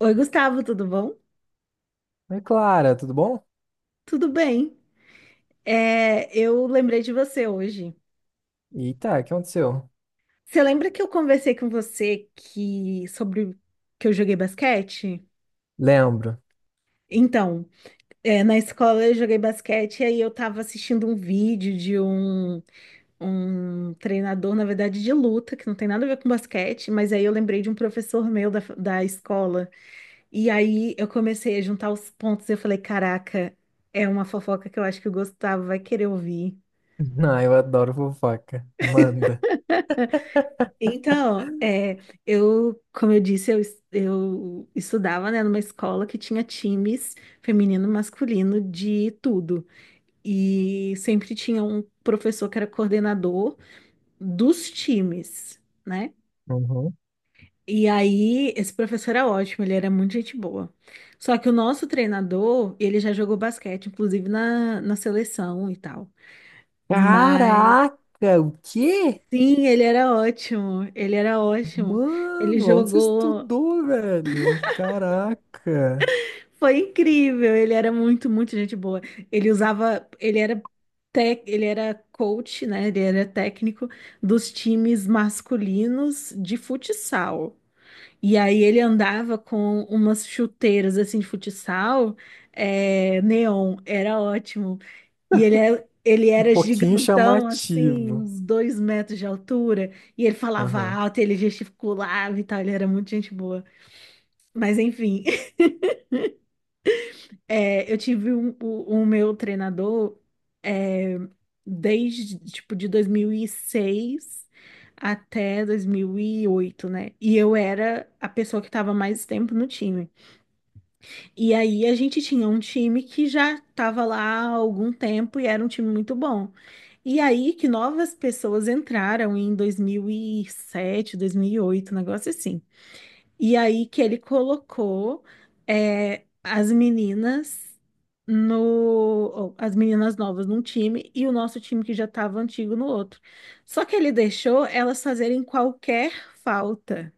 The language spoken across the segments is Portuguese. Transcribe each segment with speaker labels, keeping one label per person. Speaker 1: Oi, Gustavo, tudo bom?
Speaker 2: Oi, Clara, tudo bom?
Speaker 1: Tudo bem. Eu lembrei de você hoje.
Speaker 2: Eita, o que aconteceu?
Speaker 1: Você lembra que eu conversei com você que sobre que eu joguei basquete?
Speaker 2: Lembro.
Speaker 1: Então, na escola eu joguei basquete e aí eu tava assistindo um vídeo de um treinador, na verdade, de luta, que não tem nada a ver com basquete, mas aí eu lembrei de um professor meu da escola. E aí eu comecei a juntar os pontos e eu falei, caraca, é uma fofoca que eu acho que o Gustavo vai querer ouvir.
Speaker 2: Ah, eu adoro fofoca. Manda.
Speaker 1: Então, eu, como eu disse, eu estudava, né, numa escola que tinha times feminino e masculino de tudo. E sempre tinha um professor que era coordenador dos times, né?
Speaker 2: Uhum.
Speaker 1: E aí, esse professor era ótimo, ele era muito gente boa. Só que o nosso treinador, ele já jogou basquete, inclusive na seleção e tal. Mas,
Speaker 2: Caraca, o quê?
Speaker 1: sim, ele era ótimo, ele era ótimo. Ele
Speaker 2: Mano, onde você
Speaker 1: jogou.
Speaker 2: estudou, velho? Caraca.
Speaker 1: Foi incrível, ele era muito, muito gente boa. Ele usava, ele era ele era coach, né? Ele era técnico dos times masculinos de futsal. E aí ele andava com umas chuteiras assim de futsal, neon, era ótimo. E ele
Speaker 2: Um
Speaker 1: era
Speaker 2: pouquinho
Speaker 1: gigantão, assim,
Speaker 2: chamativo.
Speaker 1: uns 2 metros de altura, e ele falava
Speaker 2: Aham.
Speaker 1: alto, ele gesticulava e tal, ele era muito gente boa. Mas enfim, eu tive o meu treinador é, desde, tipo, de 2006 até 2008, né? E eu era a pessoa que estava mais tempo no time. E aí a gente tinha um time que já estava lá há algum tempo e era um time muito bom. E aí que novas pessoas entraram em 2007, 2008, um negócio assim. E aí que ele colocou é, as meninas no ou, as meninas novas num time e o nosso time que já estava antigo no outro. Só que ele deixou elas fazerem qualquer falta,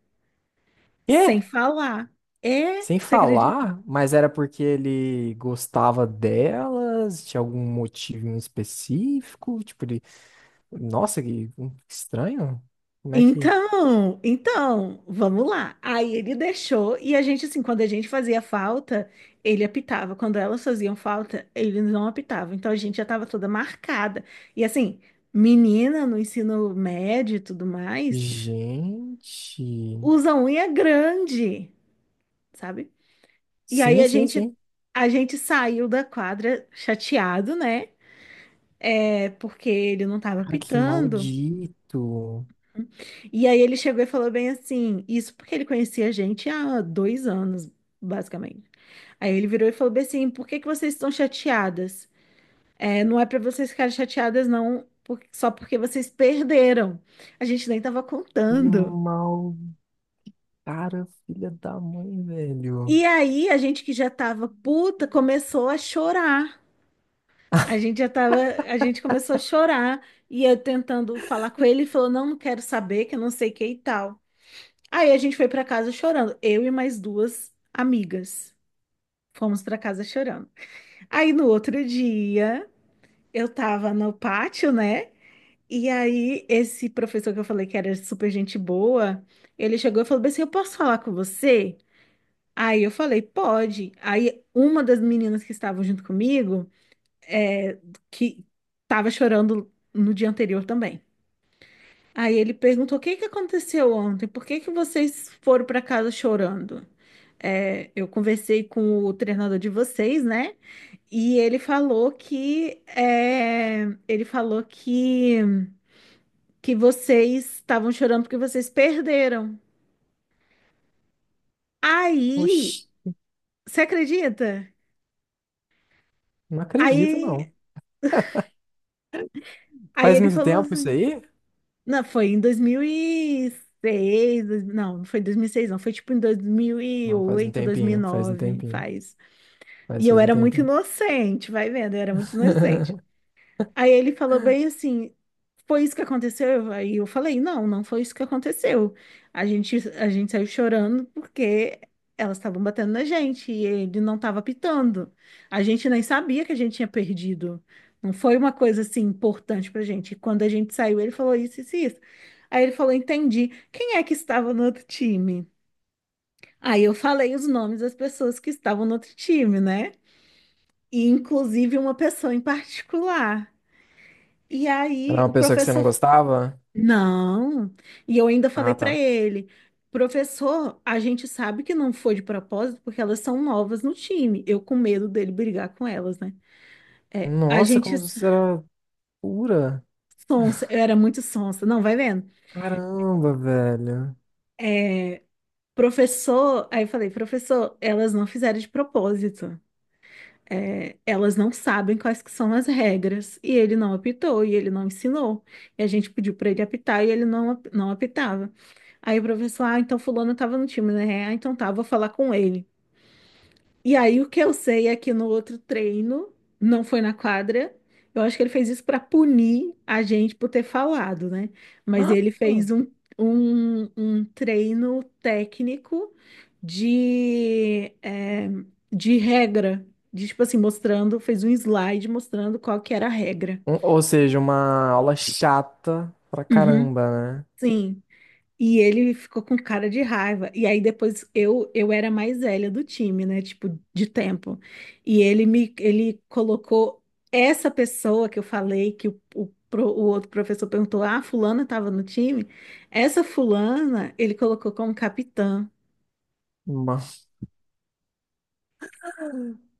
Speaker 2: Quê?
Speaker 1: sem falar.
Speaker 2: Sem
Speaker 1: Você acredita?
Speaker 2: falar? Mas era porque ele gostava delas? Tinha algum motivo em específico? Tipo, ele... Nossa, que estranho. Como é que...
Speaker 1: Então, vamos lá. Aí ele deixou e a gente, assim, quando a gente fazia falta, ele apitava. Quando elas faziam falta, ele não apitava. Então a gente já tava toda marcada. E assim, menina no ensino médio e tudo mais,
Speaker 2: Gente.
Speaker 1: usa unha é grande, sabe? E aí
Speaker 2: Sim,
Speaker 1: a
Speaker 2: sim,
Speaker 1: gente,
Speaker 2: sim.
Speaker 1: a gente saiu da quadra chateado, né? Porque ele não tava
Speaker 2: Cara, que
Speaker 1: apitando.
Speaker 2: maldito.
Speaker 1: E aí ele chegou e falou bem assim, isso porque ele conhecia a gente há 2 anos, basicamente. Aí ele virou e falou bem assim, por que que vocês estão chateadas? Não é pra vocês ficarem chateadas, não, só porque vocês perderam. A gente nem tava
Speaker 2: Que
Speaker 1: contando.
Speaker 2: mal. Cara, filha da mãe, velho.
Speaker 1: E aí a gente que já tava puta começou a chorar. A gente já tava, a gente começou a chorar e eu tentando falar com ele, ele falou, não, não quero saber, que eu não sei o que e tal. Aí a gente foi pra casa chorando, eu e mais duas amigas. Fomos para casa chorando. Aí no outro dia, eu tava no pátio, né? E aí esse professor que eu falei que era super gente boa, ele chegou e falou bem assim, eu posso falar com você? Aí eu falei, pode. Aí uma das meninas que estavam junto comigo, que tava chorando no dia anterior também. Aí ele perguntou: O que que aconteceu ontem? Por que que vocês foram para casa chorando? Eu conversei com o treinador de vocês, né? E ele falou que ele falou que vocês estavam chorando porque vocês perderam. Aí,
Speaker 2: Oxi,
Speaker 1: você acredita?
Speaker 2: não acredito, não.
Speaker 1: Aí, aí,
Speaker 2: Faz
Speaker 1: ele
Speaker 2: muito
Speaker 1: falou
Speaker 2: tempo isso
Speaker 1: assim:
Speaker 2: aí?
Speaker 1: Não, foi em 2006, não, não foi em 2006, não, foi tipo em dois mil e
Speaker 2: Não, faz um
Speaker 1: oito, dois mil e
Speaker 2: tempinho, faz um
Speaker 1: nove,
Speaker 2: tempinho.
Speaker 1: faz.
Speaker 2: Faz,
Speaker 1: E eu
Speaker 2: faz um
Speaker 1: era muito
Speaker 2: tempinho.
Speaker 1: inocente, vai vendo, eu era muito inocente. Aí ele falou bem assim, foi isso que aconteceu? Aí eu falei, não, não foi isso que aconteceu. A gente saiu chorando porque elas estavam batendo na gente e ele não estava pitando. A gente nem sabia que a gente tinha perdido. Não foi uma coisa assim importante pra gente. E quando a gente saiu, ele falou isso, isso, e isso. Aí ele falou, entendi. Quem é que estava no outro time? Aí eu falei os nomes das pessoas que estavam no outro time, né? E inclusive uma pessoa em particular. E aí
Speaker 2: Era
Speaker 1: o
Speaker 2: uma pessoa que você não
Speaker 1: professor,
Speaker 2: gostava?
Speaker 1: não. E eu ainda falei
Speaker 2: Ah,
Speaker 1: para
Speaker 2: tá.
Speaker 1: ele, professor, a gente sabe que não foi de propósito porque elas são novas no time. Eu com medo dele brigar com elas, né? É, a
Speaker 2: Nossa,
Speaker 1: gente
Speaker 2: como você era pura.
Speaker 1: sonsa, eu era muito sonsa. Não, vai vendo.
Speaker 2: Caramba, velho.
Speaker 1: Professor, aí eu falei, professor, elas não fizeram de propósito. Elas não sabem quais que são as regras, e ele não apitou, e ele não ensinou. E a gente pediu para ele apitar e ele não, não apitava. Aí o professor, ah, então fulano estava no time, né? Ah, então tá, vou falar com ele. E aí o que eu sei é que no outro treino, não foi na quadra, eu acho que ele fez isso para punir a gente por ter falado, né? Mas ele fez um treino técnico de, é, de regra, de, tipo assim, mostrando, fez um slide mostrando qual que era a regra.
Speaker 2: Uma aula chata pra
Speaker 1: Uhum.
Speaker 2: caramba, né?
Speaker 1: Sim. E ele ficou com cara de raiva. E aí depois eu era mais velha do time, né? Tipo, de tempo. E ele colocou essa pessoa que eu falei que o outro professor perguntou: "Ah, fulana tava no time?" Essa fulana, ele colocou como capitã.
Speaker 2: Uma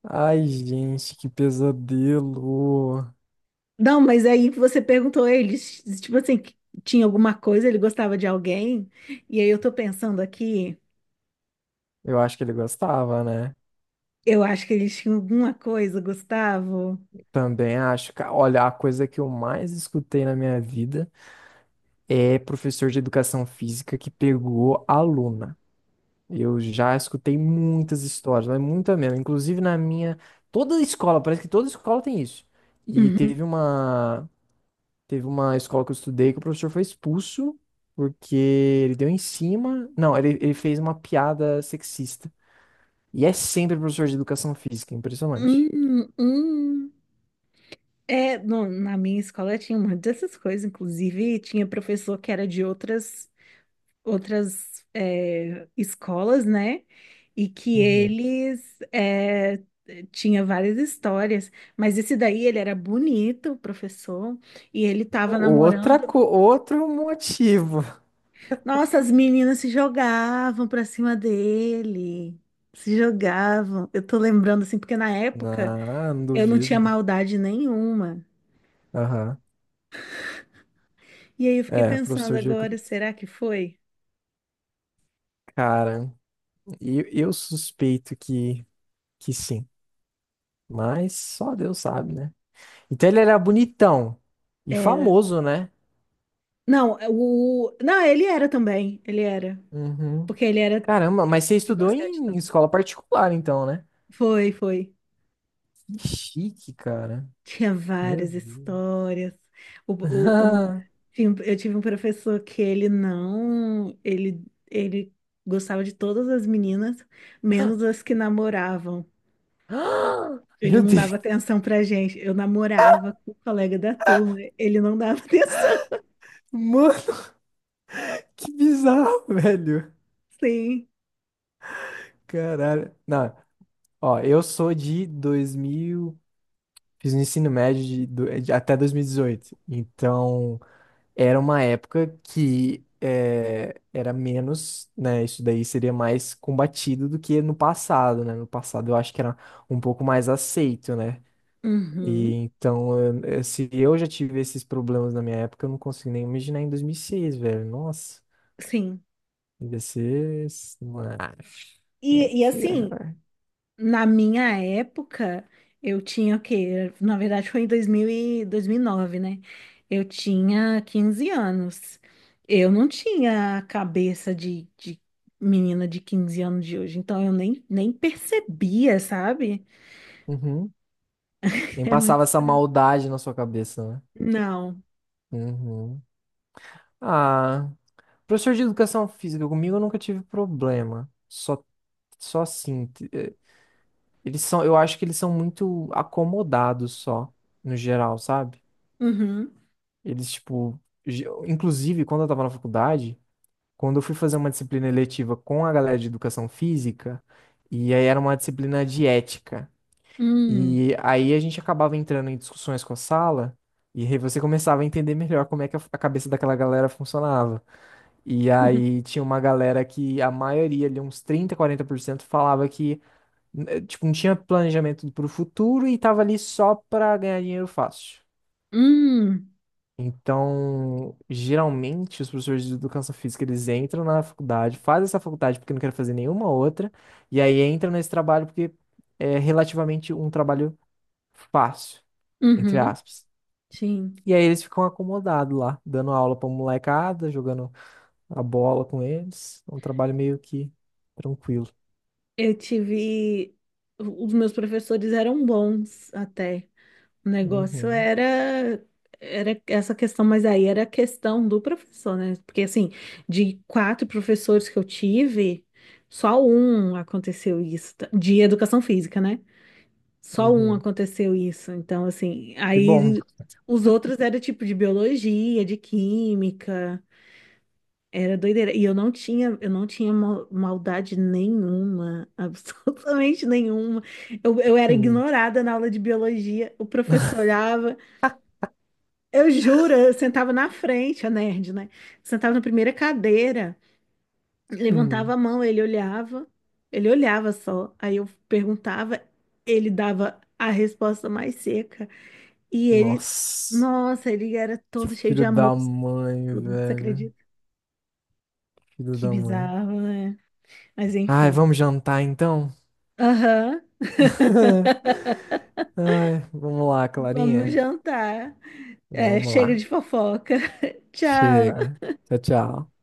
Speaker 2: Ai, gente, que pesadelo.
Speaker 1: Não, mas aí você perguntou a ele, tipo assim, que tinha alguma coisa, ele gostava de alguém? E aí eu tô pensando aqui,
Speaker 2: Eu acho que ele gostava, né?
Speaker 1: eu acho que eles tinham alguma coisa, Gustavo.
Speaker 2: Também acho. Olha, a coisa que eu mais escutei na minha vida é professor de educação física que pegou aluna. Eu já escutei muitas histórias, mas muita mesmo. Inclusive na minha. Toda escola, parece que toda escola tem isso. E
Speaker 1: Uhum.
Speaker 2: teve uma. Teve uma escola que eu estudei que o professor foi expulso porque ele deu em cima. Não, ele fez uma piada sexista. E é sempre professor de educação física, impressionante.
Speaker 1: Hum, hum. Na minha escola tinha uma dessas coisas, inclusive tinha professor que era de outras escolas, né? E que
Speaker 2: Uhum.
Speaker 1: eles tinha várias histórias, mas esse daí ele era bonito, o professor, e ele tava namorando.
Speaker 2: Outro motivo.
Speaker 1: Nossa, as meninas se jogavam pra cima dele, se jogavam. Eu tô lembrando assim, porque na época
Speaker 2: Não, não
Speaker 1: eu não tinha
Speaker 2: duvido.
Speaker 1: maldade nenhuma.
Speaker 2: Aham.
Speaker 1: E aí eu fiquei
Speaker 2: É,
Speaker 1: pensando
Speaker 2: professor de.
Speaker 1: agora, será que foi?
Speaker 2: Cara, eu suspeito que sim. Mas só Deus sabe, né? Então ele era bonitão e
Speaker 1: Era.
Speaker 2: famoso, né?
Speaker 1: Não, é, o. Não, ele era também. Ele era.
Speaker 2: Uhum.
Speaker 1: Porque ele era
Speaker 2: Caramba,
Speaker 1: treinador
Speaker 2: mas você
Speaker 1: de
Speaker 2: estudou
Speaker 1: basquete.
Speaker 2: em
Speaker 1: Então.
Speaker 2: escola particular, então, né?
Speaker 1: Foi, foi.
Speaker 2: Que chique, cara.
Speaker 1: Tinha
Speaker 2: Meu
Speaker 1: várias
Speaker 2: Deus.
Speaker 1: histórias. O, o, o- Eu tive um professor que ele não. Ele gostava de todas as meninas, menos as que namoravam. Ele
Speaker 2: Meu
Speaker 1: não
Speaker 2: Deus.
Speaker 1: dava atenção pra gente. Eu namorava com o colega da turma. Ele não dava atenção.
Speaker 2: Mano. Que bizarro, velho.
Speaker 1: Sim.
Speaker 2: Caralho. Não, ó, eu sou de 2000, fiz o ensino médio até 2018. Então, era uma época era menos, né? Isso daí seria mais combatido do que no passado, né? No passado eu acho que era um pouco mais aceito, né? E
Speaker 1: Uhum.
Speaker 2: então, se eu já tive esses problemas na minha época, eu não consigo nem imaginar em 2006, velho. Nossa,
Speaker 1: Sim.
Speaker 2: devia ser. Ah, é
Speaker 1: E
Speaker 2: que.
Speaker 1: assim.
Speaker 2: ah,
Speaker 1: Na minha época, eu tinha o quê? Na verdade, foi em dois mil e nove, né? Eu tinha 15 anos. Eu não tinha a cabeça de menina de 15 anos de hoje, então eu nem percebia, sabe?
Speaker 2: Uhum. Nem
Speaker 1: É muito
Speaker 2: passava essa
Speaker 1: estranho.
Speaker 2: maldade na sua cabeça, né?
Speaker 1: Não.
Speaker 2: Uhum. Ah, professor de educação física, comigo eu nunca tive problema. Só, só assim, t- eh, Eles são, eu acho que eles são muito acomodados só, no geral, sabe?
Speaker 1: Uhum.
Speaker 2: Eles, tipo, inclusive quando eu tava na faculdade, quando eu fui fazer uma disciplina eletiva com a galera de educação física, e aí era uma disciplina de ética.
Speaker 1: Hum.
Speaker 2: E aí a gente acabava entrando em discussões com a sala, e aí você começava a entender melhor como é que a cabeça daquela galera funcionava. E
Speaker 1: Uhum.
Speaker 2: aí tinha uma galera que a maioria, ali uns 30 40% falava que tipo, não tinha planejamento pro futuro e tava ali só pra ganhar dinheiro fácil.
Speaker 1: Hum.
Speaker 2: Então, geralmente, os professores de educação física, eles entram na faculdade, fazem essa faculdade porque não querem fazer nenhuma outra, e aí entram nesse trabalho porque é relativamente um trabalho fácil, entre
Speaker 1: Uhum.
Speaker 2: aspas.
Speaker 1: Sim.
Speaker 2: E aí eles ficam acomodados lá, dando aula pra molecada, jogando a bola com eles. É um trabalho meio que tranquilo.
Speaker 1: Eu tive. Os meus professores eram bons até. O negócio
Speaker 2: Uhum,
Speaker 1: era essa questão, mas aí era a questão do professor, né? Porque, assim, de quatro professores que eu tive, só um aconteceu isso, tá? De educação física, né? Só um
Speaker 2: uhum.
Speaker 1: aconteceu isso. Então, assim,
Speaker 2: Que bom.
Speaker 1: aí os outros era tipo de biologia, de química, era doideira. E eu não tinha maldade nenhuma, absolutamente nenhuma. Eu era
Speaker 2: Hum,
Speaker 1: ignorada na aula de biologia. O professor olhava. Eu juro, eu sentava na frente, a nerd, né? Sentava na primeira cadeira, levantava
Speaker 2: hum.
Speaker 1: a mão, ele olhava só. Aí eu perguntava, ele dava a resposta mais seca. E ele,
Speaker 2: Nossa,
Speaker 1: nossa, ele era
Speaker 2: que
Speaker 1: todo cheio de
Speaker 2: filho
Speaker 1: amor,
Speaker 2: da mãe,
Speaker 1: tudo. Você
Speaker 2: velho.
Speaker 1: acredita?
Speaker 2: Filho
Speaker 1: Que
Speaker 2: da mãe.
Speaker 1: bizarro, né? Mas
Speaker 2: Ai,
Speaker 1: enfim.
Speaker 2: vamos jantar então?
Speaker 1: Aham.
Speaker 2: Ai, vamos lá,
Speaker 1: Vamos
Speaker 2: Clarinha.
Speaker 1: jantar. É,
Speaker 2: Vamos
Speaker 1: chega
Speaker 2: lá.
Speaker 1: de fofoca. Tchau.
Speaker 2: Chega. Tchau, tchau.